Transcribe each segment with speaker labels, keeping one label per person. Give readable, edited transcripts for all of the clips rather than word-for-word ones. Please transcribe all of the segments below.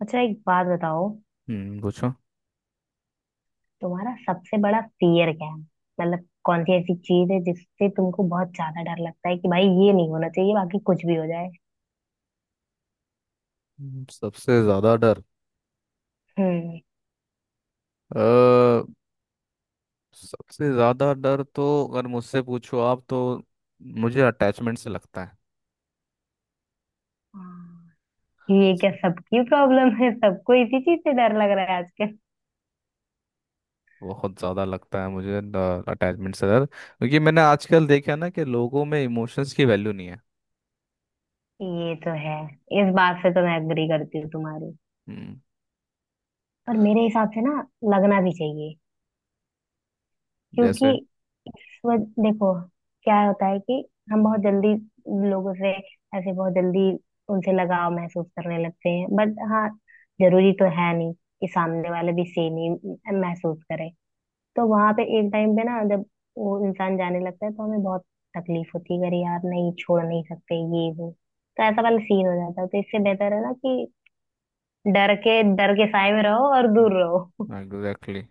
Speaker 1: अच्छा, एक बात बताओ।
Speaker 2: हम्म, पूछो।
Speaker 1: तुम्हारा सबसे बड़ा फियर क्या है? मतलब कौन सी ऐसी चीज है जिससे तुमको बहुत ज्यादा डर लगता है कि भाई ये नहीं होना चाहिए, बाकी कुछ भी हो जाए।
Speaker 2: सबसे ज्यादा डर।
Speaker 1: हम्म।
Speaker 2: अ सबसे ज्यादा डर तो अगर मुझसे पूछो आप तो मुझे अटैचमेंट से लगता है।
Speaker 1: हाँ, ये क्या सबकी प्रॉब्लम है? सबको इसी चीज से डर लग रहा है आजकल।
Speaker 2: बहुत ज्यादा लगता है मुझे अटैचमेंट से डर, क्योंकि मैंने आजकल देखा ना कि लोगों में इमोशंस की वैल्यू नहीं है।
Speaker 1: ये तो है। इस बात से तो मैं एग्री करती हूँ तुम्हारी।
Speaker 2: हम्म,
Speaker 1: पर मेरे हिसाब से ना, लगना भी चाहिए, क्योंकि
Speaker 2: जैसे
Speaker 1: देखो, क्या होता है कि हम बहुत जल्दी लोगों से, ऐसे बहुत जल्दी उनसे लगाव महसूस करने लगते हैं, बट हाँ, जरूरी तो है नहीं कि सामने वाले भी सेम ही महसूस करे। तो वहां पे एक टाइम पे ना, जब वो इंसान जाने लगता है तो हमें बहुत तकलीफ होती है कि अरे यार, नहीं छोड़ नहीं सकते, ये वो, तो ऐसा वाला सीन हो जाता है। तो इससे बेहतर है ना कि डर के साए में रहो और दूर रहो।
Speaker 2: हाँ एग्जैक्टली।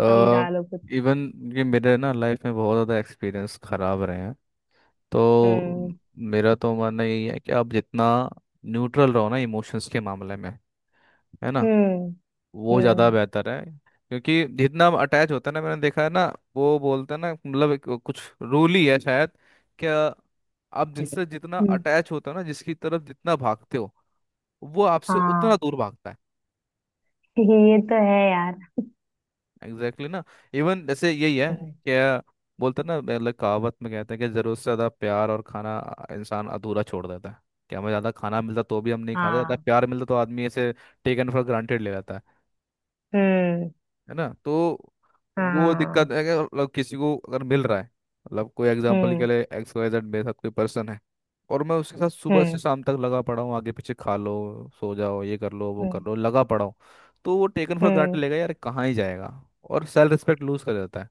Speaker 2: अ
Speaker 1: समझा लो कुछ।
Speaker 2: इवन ये मेरे ना लाइफ में बहुत ज़्यादा एक्सपीरियंस खराब रहे हैं। तो
Speaker 1: हम्म।
Speaker 2: मेरा तो मानना यही है कि आप जितना न्यूट्रल रहो ना इमोशंस के मामले में, है ना,
Speaker 1: हम्म।
Speaker 2: वो ज़्यादा
Speaker 1: हम्म।
Speaker 2: बेहतर है। क्योंकि जितना अटैच होता है ना, मैंने देखा है ना, वो बोलते हैं ना, मतलब एक कुछ रूल ही है शायद। क्या आप जिससे जितना
Speaker 1: हम्म।
Speaker 2: अटैच होता हो ना, जिसकी तरफ जितना भागते हो, वो आपसे उतना
Speaker 1: हाँ,
Speaker 2: दूर भागता है।
Speaker 1: ये तो है यार।
Speaker 2: एग्जैक्टली exactly ना। इवन जैसे यही है।
Speaker 1: हम्म,
Speaker 2: क्या बोलते हैं ना, मतलब कहावत में कहते हैं कि ज़रूरत से ज़्यादा प्यार और खाना इंसान अधूरा छोड़ देता है। कि हमें ज़्यादा खाना मिलता तो भी हम नहीं खाते, ज़्यादा
Speaker 1: हाँ।
Speaker 2: प्यार मिलता तो आदमी ऐसे टेकन फॉर ग्रांटेड ले लेता है।
Speaker 1: हम्म।
Speaker 2: है ना, तो वो
Speaker 1: हाँ।
Speaker 2: दिक्कत है कि मतलब किसी को अगर मिल रहा है। मतलब कोई एग्जांपल के
Speaker 1: हम्म।
Speaker 2: लिए एक्स वाई जेड मेरे साथ कोई पर्सन है और मैं उसके साथ सुबह से
Speaker 1: हम्म।
Speaker 2: शाम तक लगा पड़ा हूँ आगे पीछे। खा लो, सो जाओ, ये कर लो, वो कर
Speaker 1: हम्म।
Speaker 2: लो, लगा पड़ा हूँ। तो वो टेकन फॉर
Speaker 1: हम्म,
Speaker 2: ग्रांटेड लेगा यार, कहाँ ही जाएगा। और सेल्फ रिस्पेक्ट लूज कर जाता है।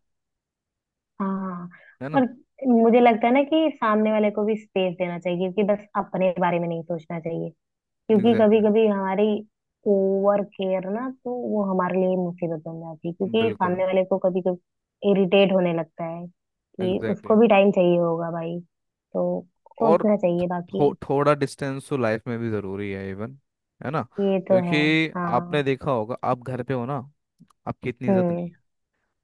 Speaker 1: हाँ।
Speaker 2: है ना
Speaker 1: और मुझे लगता है ना कि सामने वाले को भी स्पेस देना चाहिए, क्योंकि बस अपने बारे में नहीं सोचना चाहिए। क्योंकि कभी
Speaker 2: एग्जैक्टली
Speaker 1: कभी हमारी ओवर केयर ना, तो वो हमारे लिए मुसीबत बन जाती है,
Speaker 2: exactly.
Speaker 1: क्योंकि
Speaker 2: बिल्कुल
Speaker 1: सामने वाले को कभी कभी इरिटेट होने लगता है कि
Speaker 2: एग्जैक्टली
Speaker 1: उसको
Speaker 2: exactly.
Speaker 1: भी टाइम चाहिए होगा भाई। तो
Speaker 2: और
Speaker 1: सोचना चाहिए बाकी।
Speaker 2: थोड़ा डिस्टेंस तो लाइफ में भी ज़रूरी है इवन, है ना।
Speaker 1: ये तो है।
Speaker 2: क्योंकि आपने
Speaker 1: हाँ।
Speaker 2: देखा होगा आप घर पे हो ना आपकी इतनी इज्जत नहीं
Speaker 1: हम्म।
Speaker 2: है।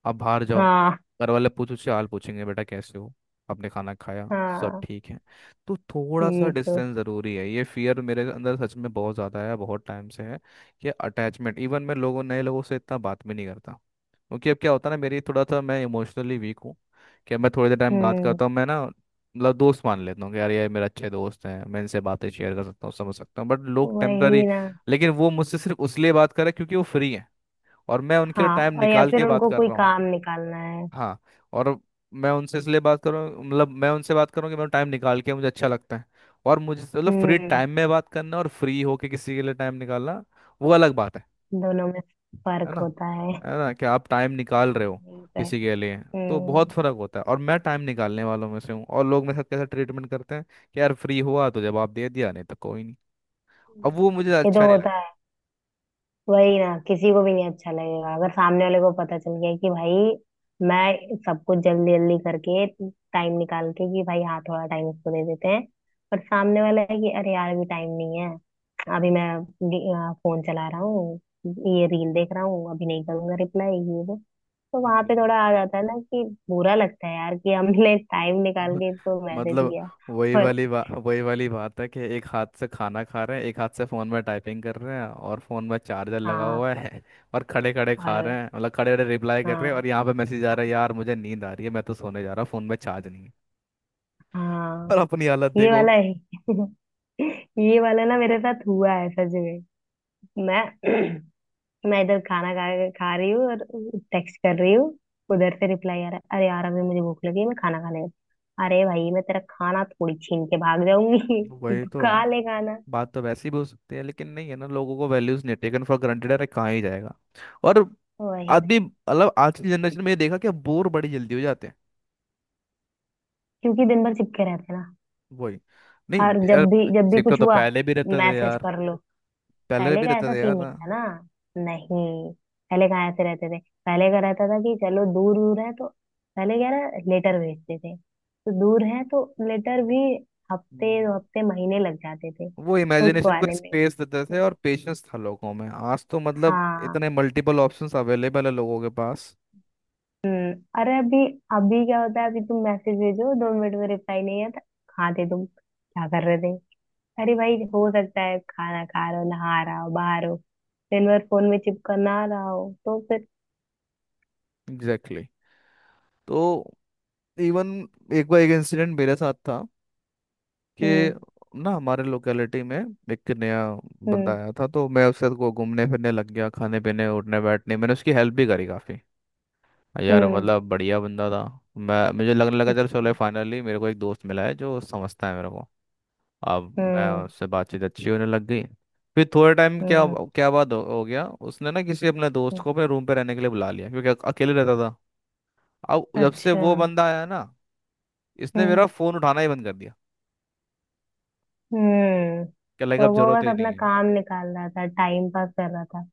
Speaker 2: आप बाहर जाओ,
Speaker 1: हाँ।
Speaker 2: घर वाले पूछो उससे हाल पूछेंगे बेटा कैसे हो, आपने खाना खाया, सब
Speaker 1: हाँ।
Speaker 2: ठीक है। तो थोड़ा सा
Speaker 1: ये तो।
Speaker 2: डिस्टेंस ज़रूरी है। ये फियर मेरे अंदर सच में बहुत ज़्यादा है, बहुत टाइम से है कि अटैचमेंट। इवन मैं लोगों नए लोगों से इतना बात भी नहीं करता। क्योंकि अब क्या होता है ना, मेरी थोड़ा सा, मैं इमोशनली वीक हूँ। कि मैं थोड़ी देर टाइम बात
Speaker 1: हम्म।
Speaker 2: करता हूँ मैं ना, मतलब दोस्त मान लेता हूँ कि यार ये मेरे अच्छे दोस्त हैं, मैं इनसे बातें शेयर कर सकता हूँ, समझ सकता हूँ, बट लोग टेम्पररी।
Speaker 1: वही ना।
Speaker 2: लेकिन वो मुझसे सिर्फ उसलिए बात कर रहे हैं क्योंकि वो फ्री हैं, और मैं उनके लिए
Speaker 1: हाँ।
Speaker 2: टाइम
Speaker 1: और या
Speaker 2: निकाल
Speaker 1: फिर
Speaker 2: के बात
Speaker 1: उनको
Speaker 2: कर
Speaker 1: कोई
Speaker 2: रहा हूँ।
Speaker 1: काम निकालना है।
Speaker 2: हाँ। और मैं उनसे इसलिए बात करूँ, मतलब मैं उनसे बात करूँ कि मैं टाइम निकाल के, मुझे अच्छा लगता है। और मुझे मतलब फ्री
Speaker 1: हम्म।
Speaker 2: टाइम में बात करना और फ्री होके किसी के लिए टाइम निकालना, वो अलग बात है।
Speaker 1: दोनों में
Speaker 2: है
Speaker 1: फर्क
Speaker 2: ना,
Speaker 1: होता है।
Speaker 2: है ना, कि आप टाइम निकाल रहे
Speaker 1: हाँ,
Speaker 2: हो
Speaker 1: ये तो है।
Speaker 2: किसी के लिए, तो बहुत
Speaker 1: हम्म।
Speaker 2: फर्क होता है। और मैं टाइम निकालने वालों में से हूँ, और लोग मेरे साथ कैसा ट्रीटमेंट करते हैं, कि यार फ्री हुआ तो जवाब दे दिया, नहीं तो कोई नहीं। अब वो मुझे
Speaker 1: ये तो
Speaker 2: अच्छा नहीं
Speaker 1: होता है। वही ना, किसी को भी नहीं अच्छा लगेगा अगर सामने वाले को पता चल गया कि भाई मैं सब कुछ जल्दी जल्दी करके, टाइम निकाल के कि भाई हाँ थोड़ा टाइम इसको दे देते हैं, पर सामने वाला है कि अरे यार अभी टाइम नहीं है, अभी मैं फोन चला रहा हूँ, ये रील देख रहा हूँ, अभी नहीं करूंगा रिप्लाई ये वो। तो वहां
Speaker 2: लगता।
Speaker 1: पे थोड़ा आ जाता है ना कि बुरा लगता है यार कि हमने टाइम निकाल के इसको मैसेज
Speaker 2: मतलब
Speaker 1: किया।
Speaker 2: वही
Speaker 1: और,
Speaker 2: वाली बात, वही वाली बात है कि एक हाथ से खाना खा रहे हैं, एक हाथ से फोन में टाइपिंग कर रहे हैं, और फोन में चार्जर लगा
Speaker 1: हाँ,
Speaker 2: हुआ है और खड़े खड़े खा
Speaker 1: और
Speaker 2: रहे हैं, मतलब खड़े खड़े रिप्लाई कर रहे हैं,
Speaker 1: हाँ,
Speaker 2: और यहाँ पे मैसेज आ रहा है यार मुझे नींद आ रही है, मैं तो सोने जा रहा हूँ, फोन में चार्ज नहीं है,
Speaker 1: हाँ।
Speaker 2: और अपनी हालत
Speaker 1: ये
Speaker 2: देखो।
Speaker 1: वाला है। ये वाला ना मेरे साथ हुआ है सच में। मैं मैं इधर खाना खा खा रही हूँ और टेक्स्ट कर रही हूँ, उधर से रिप्लाई आ रहा है अरे यार अभी मुझे भूख लगी है, मैं खाना खाने गई। अरे भाई, मैं तेरा खाना थोड़ी छीन के भाग जाऊंगी।
Speaker 2: वही
Speaker 1: तू
Speaker 2: तो,
Speaker 1: खा ले खाना।
Speaker 2: बात तो वैसी भी हो सकती है, लेकिन नहीं है ना, लोगों को वैल्यूज नहीं, टेकन फॉर ग्रांटेड, अरे कहाँ ही जाएगा। और
Speaker 1: वही ना,
Speaker 2: आदमी मतलब आज की जनरेशन में ये देखा कि बोर बड़ी जल्दी हो जाते हैं।
Speaker 1: क्योंकि दिन भर चिपके रहते हैं ना।
Speaker 2: वही,
Speaker 1: हर
Speaker 2: नहीं यार,
Speaker 1: जब भी
Speaker 2: सिक्का
Speaker 1: कुछ
Speaker 2: तो
Speaker 1: हुआ,
Speaker 2: पहले भी रहता था
Speaker 1: मैसेज
Speaker 2: यार,
Speaker 1: कर लो।
Speaker 2: पहले
Speaker 1: पहले
Speaker 2: भी
Speaker 1: का
Speaker 2: रहता
Speaker 1: ऐसा
Speaker 2: था
Speaker 1: सीन
Speaker 2: यार ना।
Speaker 1: नहीं था ना। नहीं, पहले कहाँ ऐसे रहते थे। पहले का रहता था कि चलो दूर दूर है तो, पहले क्या रहा, लेटर भेजते थे तो दूर है तो लेटर भी हफ्ते, दो
Speaker 2: हम्म,
Speaker 1: हफ्ते, महीने लग जाते थे
Speaker 2: वो
Speaker 1: उसको
Speaker 2: इमेजिनेशन को
Speaker 1: आने में।
Speaker 2: स्पेस देते थे और पेशेंस था लोगों में। आज तो मतलब
Speaker 1: हाँ।
Speaker 2: इतने मल्टीपल ऑप्शंस अवेलेबल है लोगों के पास।
Speaker 1: हम्म। अरे अभी, अभी क्या होता है, अभी तुम मैसेज भेजो 2 मिनट में रिप्लाई नहीं आता, कहाँ थे तुम, क्या कर रहे थे? अरे भाई हो सकता है खाना खा रहे हो, नहा रहा हो, बाहर हो, दिन भर फोन में चिपका ना रहा हो तो फिर।
Speaker 2: Exactly exactly. तो इवन एक बार एक इंसिडेंट मेरे साथ था कि
Speaker 1: हम्म।
Speaker 2: ना हमारे लोकेलिटी में एक नया बंदा
Speaker 1: हम्म।
Speaker 2: आया था। तो मैं उससे को घूमने फिरने लग गया, खाने पीने, उठने बैठने, मैंने उसकी हेल्प भी करी काफ़ी। यार
Speaker 1: हम्म।
Speaker 2: मतलब बढ़िया बंदा था। मैं मुझे लगने लगा चलो चलो
Speaker 1: अच्छा।
Speaker 2: फाइनली मेरे को एक दोस्त मिला है जो समझता है मेरे को। अब मैं
Speaker 1: हम्म।
Speaker 2: उससे बातचीत अच्छी होने लग गई। फिर थोड़े टाइम क्या,
Speaker 1: हम्म।
Speaker 2: क्या बात हो गया। उसने ना किसी अपने दोस्त
Speaker 1: हम्म,
Speaker 2: को अपने रूम पे रहने के लिए बुला लिया, क्योंकि अकेले रहता था। अब जब से
Speaker 1: अच्छा।
Speaker 2: वो बंदा आया ना, इसने मेरा
Speaker 1: हम्म।
Speaker 2: फोन उठाना ही बंद कर दिया।
Speaker 1: हम्म।
Speaker 2: क्या लगा
Speaker 1: तो
Speaker 2: अब
Speaker 1: वो
Speaker 2: जरूरत
Speaker 1: बस
Speaker 2: ही नहीं
Speaker 1: अपना
Speaker 2: है।
Speaker 1: काम निकाल रहा था, टाइम पास कर रहा था,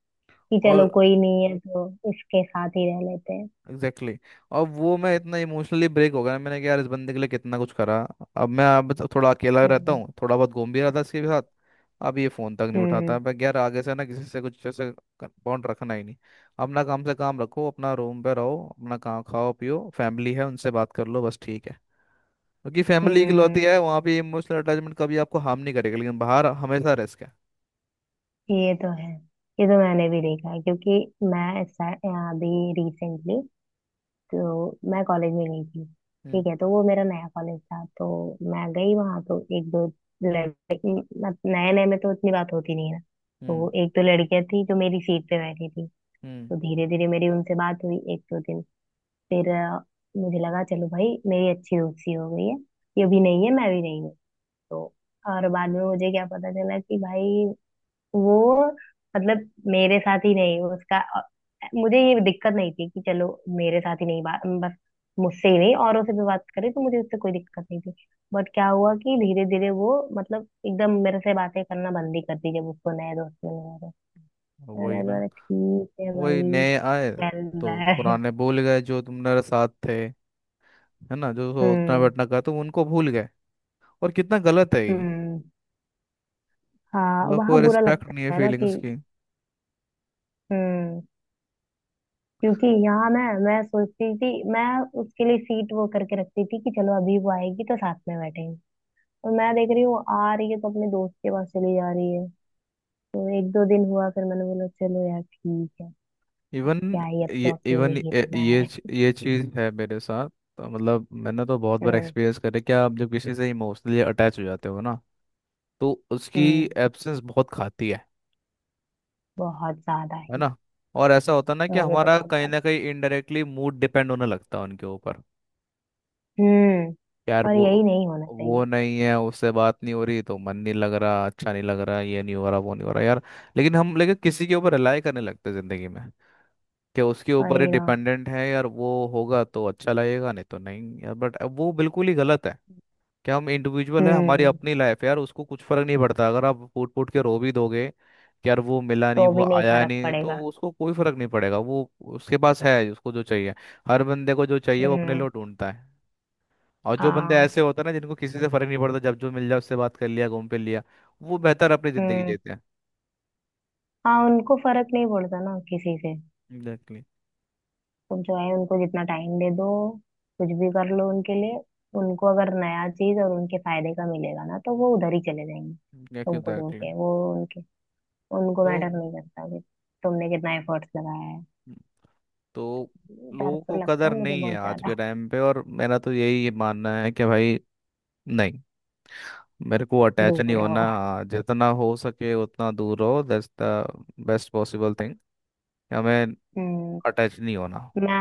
Speaker 1: कि चलो
Speaker 2: कॉल
Speaker 1: कोई नहीं है तो इसके साथ ही रह लेते हैं।
Speaker 2: Exactly exactly. और वो मैं इतना इमोशनली ब्रेक हो गया ना, मैंने कहा यार इस बंदे के लिए कितना कुछ करा। अब मैं, अब तो थोड़ा अकेला रहता
Speaker 1: हम्म।
Speaker 2: हूँ, थोड़ा बहुत घूम भी रहा था इसके साथ। अब ये फ़ोन तक नहीं उठाता।
Speaker 1: हम्म।
Speaker 2: मैं कहा, यार आगे से ना किसी से कुछ ऐसे बॉन्ड रखना ही नहीं। अपना काम से काम रखो, अपना रूम पे रहो, अपना काम, खाओ पियो, फैमिली है उनसे बात कर लो, बस ठीक है। क्योंकि फैमिली इकलौती
Speaker 1: हम्म।
Speaker 2: है, वहाँ पे इमोशनल अटैचमेंट कभी आपको हार्म नहीं करेगा, लेकिन बाहर हमेशा रिस्क है।
Speaker 1: ये तो है। ये तो मैंने भी देखा है, क्योंकि मैं ऐसा- अभी रिसेंटली तो मैं कॉलेज में गई थी।
Speaker 2: हम्म,
Speaker 1: ठीक है, तो वो मेरा नया कॉलेज था, तो मैं गई वहां। तो एक दो लड़के, नए नए में तो इतनी बात होती नहीं है।
Speaker 2: हम्म,
Speaker 1: तो एक दो लड़कियां थी जो मेरी सीट पे बैठी थी,
Speaker 2: हम्म,
Speaker 1: तो धीरे धीरे मेरी उनसे बात हुई एक दो दिन। फिर मुझे लगा चलो भाई, मेरी अच्छी दोस्ती हो गई है, ये भी नहीं है मैं भी नहीं हूँ तो। और बाद में मुझे क्या पता चला कि भाई वो, मतलब मेरे साथ ही नहीं उसका, मुझे ये दिक्कत नहीं थी कि चलो मेरे साथ ही नहीं बात, बस मुझसे ही नहीं औरों से भी बात करे तो मुझे उससे कोई दिक्कत नहीं थी। बट क्या हुआ कि धीरे धीरे वो मतलब एकदम मेरे से बातें करना बंद ही कर दी जब उसको नए दोस्त मिल गए थे।
Speaker 2: वही
Speaker 1: मैंने
Speaker 2: ना,
Speaker 1: बोला ठीक है
Speaker 2: वही
Speaker 1: भाई,
Speaker 2: नए आए
Speaker 1: चल
Speaker 2: तो
Speaker 1: बाय।
Speaker 2: पुराने भूल गए, जो तुम मेरे साथ थे। है ना, जो सो उतना
Speaker 1: हम्म।
Speaker 2: बैठना का, तो उनको भूल गए। और कितना गलत है ये।
Speaker 1: हम्म। हाँ,
Speaker 2: उन लोग को
Speaker 1: वहाँ बुरा
Speaker 2: रिस्पेक्ट नहीं है
Speaker 1: लगता है ना कि।
Speaker 2: फीलिंग्स की।
Speaker 1: हम्म, क्योंकि यहाँ मैं सोचती थी, मैं उसके लिए सीट वो करके रखती थी कि चलो अभी वो आएगी तो साथ में बैठेंगे, और मैं देख रही हूँ वो आ रही है तो अपने दोस्त के पास चली जा रही है। तो एक दो दिन हुआ फिर मैंने बोला चलो यार ठीक है, अब
Speaker 2: इवन
Speaker 1: क्या ही, अब तो
Speaker 2: ये, इवन
Speaker 1: अकेले ही
Speaker 2: ये,
Speaker 1: रहना है।
Speaker 2: ये चीज़ है मेरे साथ, तो मतलब मैंने तो बहुत बार
Speaker 1: हम्म।
Speaker 2: एक्सपीरियंस करे। क्या आप जब किसी से इमोशनली अटैच हो जाते हो ना, तो उसकी
Speaker 1: हम्म।
Speaker 2: एब्सेंस बहुत खाती है।
Speaker 1: बहुत ज्यादा
Speaker 2: है
Speaker 1: ही।
Speaker 2: ना, और ऐसा होता है ना कि
Speaker 1: मुझे तो
Speaker 2: हमारा
Speaker 1: बहुत
Speaker 2: कहीं
Speaker 1: ज्यादा।
Speaker 2: ना कहीं इनडायरेक्टली मूड डिपेंड होने लगता है उनके ऊपर।
Speaker 1: हम्म।
Speaker 2: यार
Speaker 1: और यही
Speaker 2: वो
Speaker 1: नहीं होना
Speaker 2: वो
Speaker 1: चाहिए।
Speaker 2: नहीं है, उससे बात नहीं हो रही तो मन नहीं लग रहा, अच्छा नहीं लग रहा, ये नहीं हो रहा, वो नहीं हो रहा यार। लेकिन किसी के ऊपर रिलाई करने लगते हैं जिंदगी में, कि उसके ऊपर ही
Speaker 1: वही ना।
Speaker 2: डिपेंडेंट है यार वो, होगा तो अच्छा लगेगा, नहीं तो नहीं यार, बट वो बिल्कुल ही गलत है। क्या हम इंडिविजुअल है, हमारी
Speaker 1: हम्म।
Speaker 2: अपनी लाइफ है यार, उसको कुछ फर्क नहीं पड़ता। अगर आप फूट फूट के रो भी दोगे कि यार वो मिला नहीं,
Speaker 1: तो
Speaker 2: वो
Speaker 1: भी नहीं
Speaker 2: आया
Speaker 1: फर्क
Speaker 2: नहीं, तो
Speaker 1: पड़ेगा।
Speaker 2: उसको कोई फर्क नहीं पड़ेगा, वो उसके पास है उसको जो चाहिए। हर बंदे को जो चाहिए वो अपने
Speaker 1: हम्म।
Speaker 2: लिए ढूंढता है। और जो बंदे
Speaker 1: हाँ।
Speaker 2: ऐसे होते हैं ना, जिनको किसी से फर्क नहीं पड़ता, जब जो मिल जाए उससे बात कर लिया, घूम फिर लिया, वो बेहतर अपनी जिंदगी
Speaker 1: हम्म।
Speaker 2: जीते हैं।
Speaker 1: हाँ, उनको फर्क नहीं पड़ता ना किसी से।
Speaker 2: एग्जैक्टली,
Speaker 1: तुम जो है उनको जितना टाइम दे दो, कुछ भी कर लो उनके लिए, उनको अगर नया चीज और उनके फायदे का मिलेगा ना, तो वो उधर ही चले जाएंगे। तुमको छोड़
Speaker 2: एग्जैक्टली,
Speaker 1: के वो उनके, उनको
Speaker 2: तो
Speaker 1: मैटर नहीं करता कि तुमने कितना एफर्ट्स लगाया है।
Speaker 2: तो
Speaker 1: डर
Speaker 2: लोगों
Speaker 1: तो
Speaker 2: को
Speaker 1: लगता
Speaker 2: कदर
Speaker 1: है मुझे
Speaker 2: नहीं है
Speaker 1: बहुत
Speaker 2: आज के
Speaker 1: ज्यादा।
Speaker 2: टाइम पे, और मेरा तो यही मानना है कि भाई नहीं, मेरे को अटैच नहीं
Speaker 1: दूर
Speaker 2: होना।
Speaker 1: रहो।
Speaker 2: हाँ, जितना हो सके उतना दूर रहो, that's the best possible thing. हमें
Speaker 1: हम्म।
Speaker 2: अटैच नहीं होना।
Speaker 1: मैं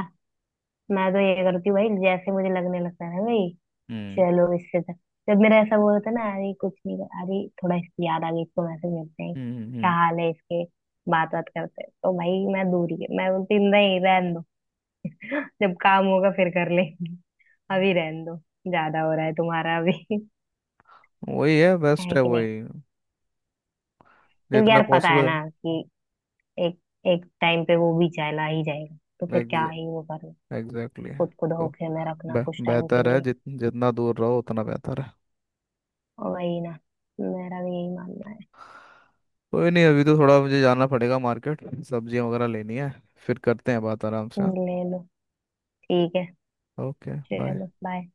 Speaker 1: मैं तो ये करती हूँ भाई, जैसे मुझे लगने लगता है ना भाई,
Speaker 2: हम्म,
Speaker 1: चलो इससे तो, जब मेरा ऐसा वो होता है ना अरे कुछ नहीं अरे थोड़ा इसकी याद आ गई इसको मैसेज भेजते हैं,
Speaker 2: हम्म,
Speaker 1: क्या
Speaker 2: हम्म,
Speaker 1: हाल है इसके, बात बात करते हैं, तो भाई मैं दूर ही, मैं बोलती हूँ, नहीं रहने दो, जब काम होगा फिर कर लेंगे, अभी रहने दो, ज्यादा हो रहा है तुम्हारा अभी,
Speaker 2: वही है, बेस्ट
Speaker 1: है
Speaker 2: है
Speaker 1: कि नहीं।
Speaker 2: वही,
Speaker 1: क्योंकि
Speaker 2: जितना
Speaker 1: यार पता है
Speaker 2: पॉसिबल।
Speaker 1: ना कि एक, एक टाइम पे वो भी चला ही जाएगा तो फिर क्या ही वो करना,
Speaker 2: एग्जैक्टली,
Speaker 1: खुद को
Speaker 2: तो
Speaker 1: धोखे में रखना कुछ टाइम के
Speaker 2: बेहतर है,
Speaker 1: लिए।
Speaker 2: जितना दूर रहो उतना बेहतर है।
Speaker 1: और वही ना, मेरा भी यही मानना है।
Speaker 2: कोई नहीं, अभी तो थोड़ा मुझे जाना पड़ेगा मार्केट, सब्जियां वगैरह लेनी है। फिर करते हैं बात आराम से, हाँ।
Speaker 1: ले लो, ठीक है,
Speaker 2: ओके, बाय।
Speaker 1: चलो बाय।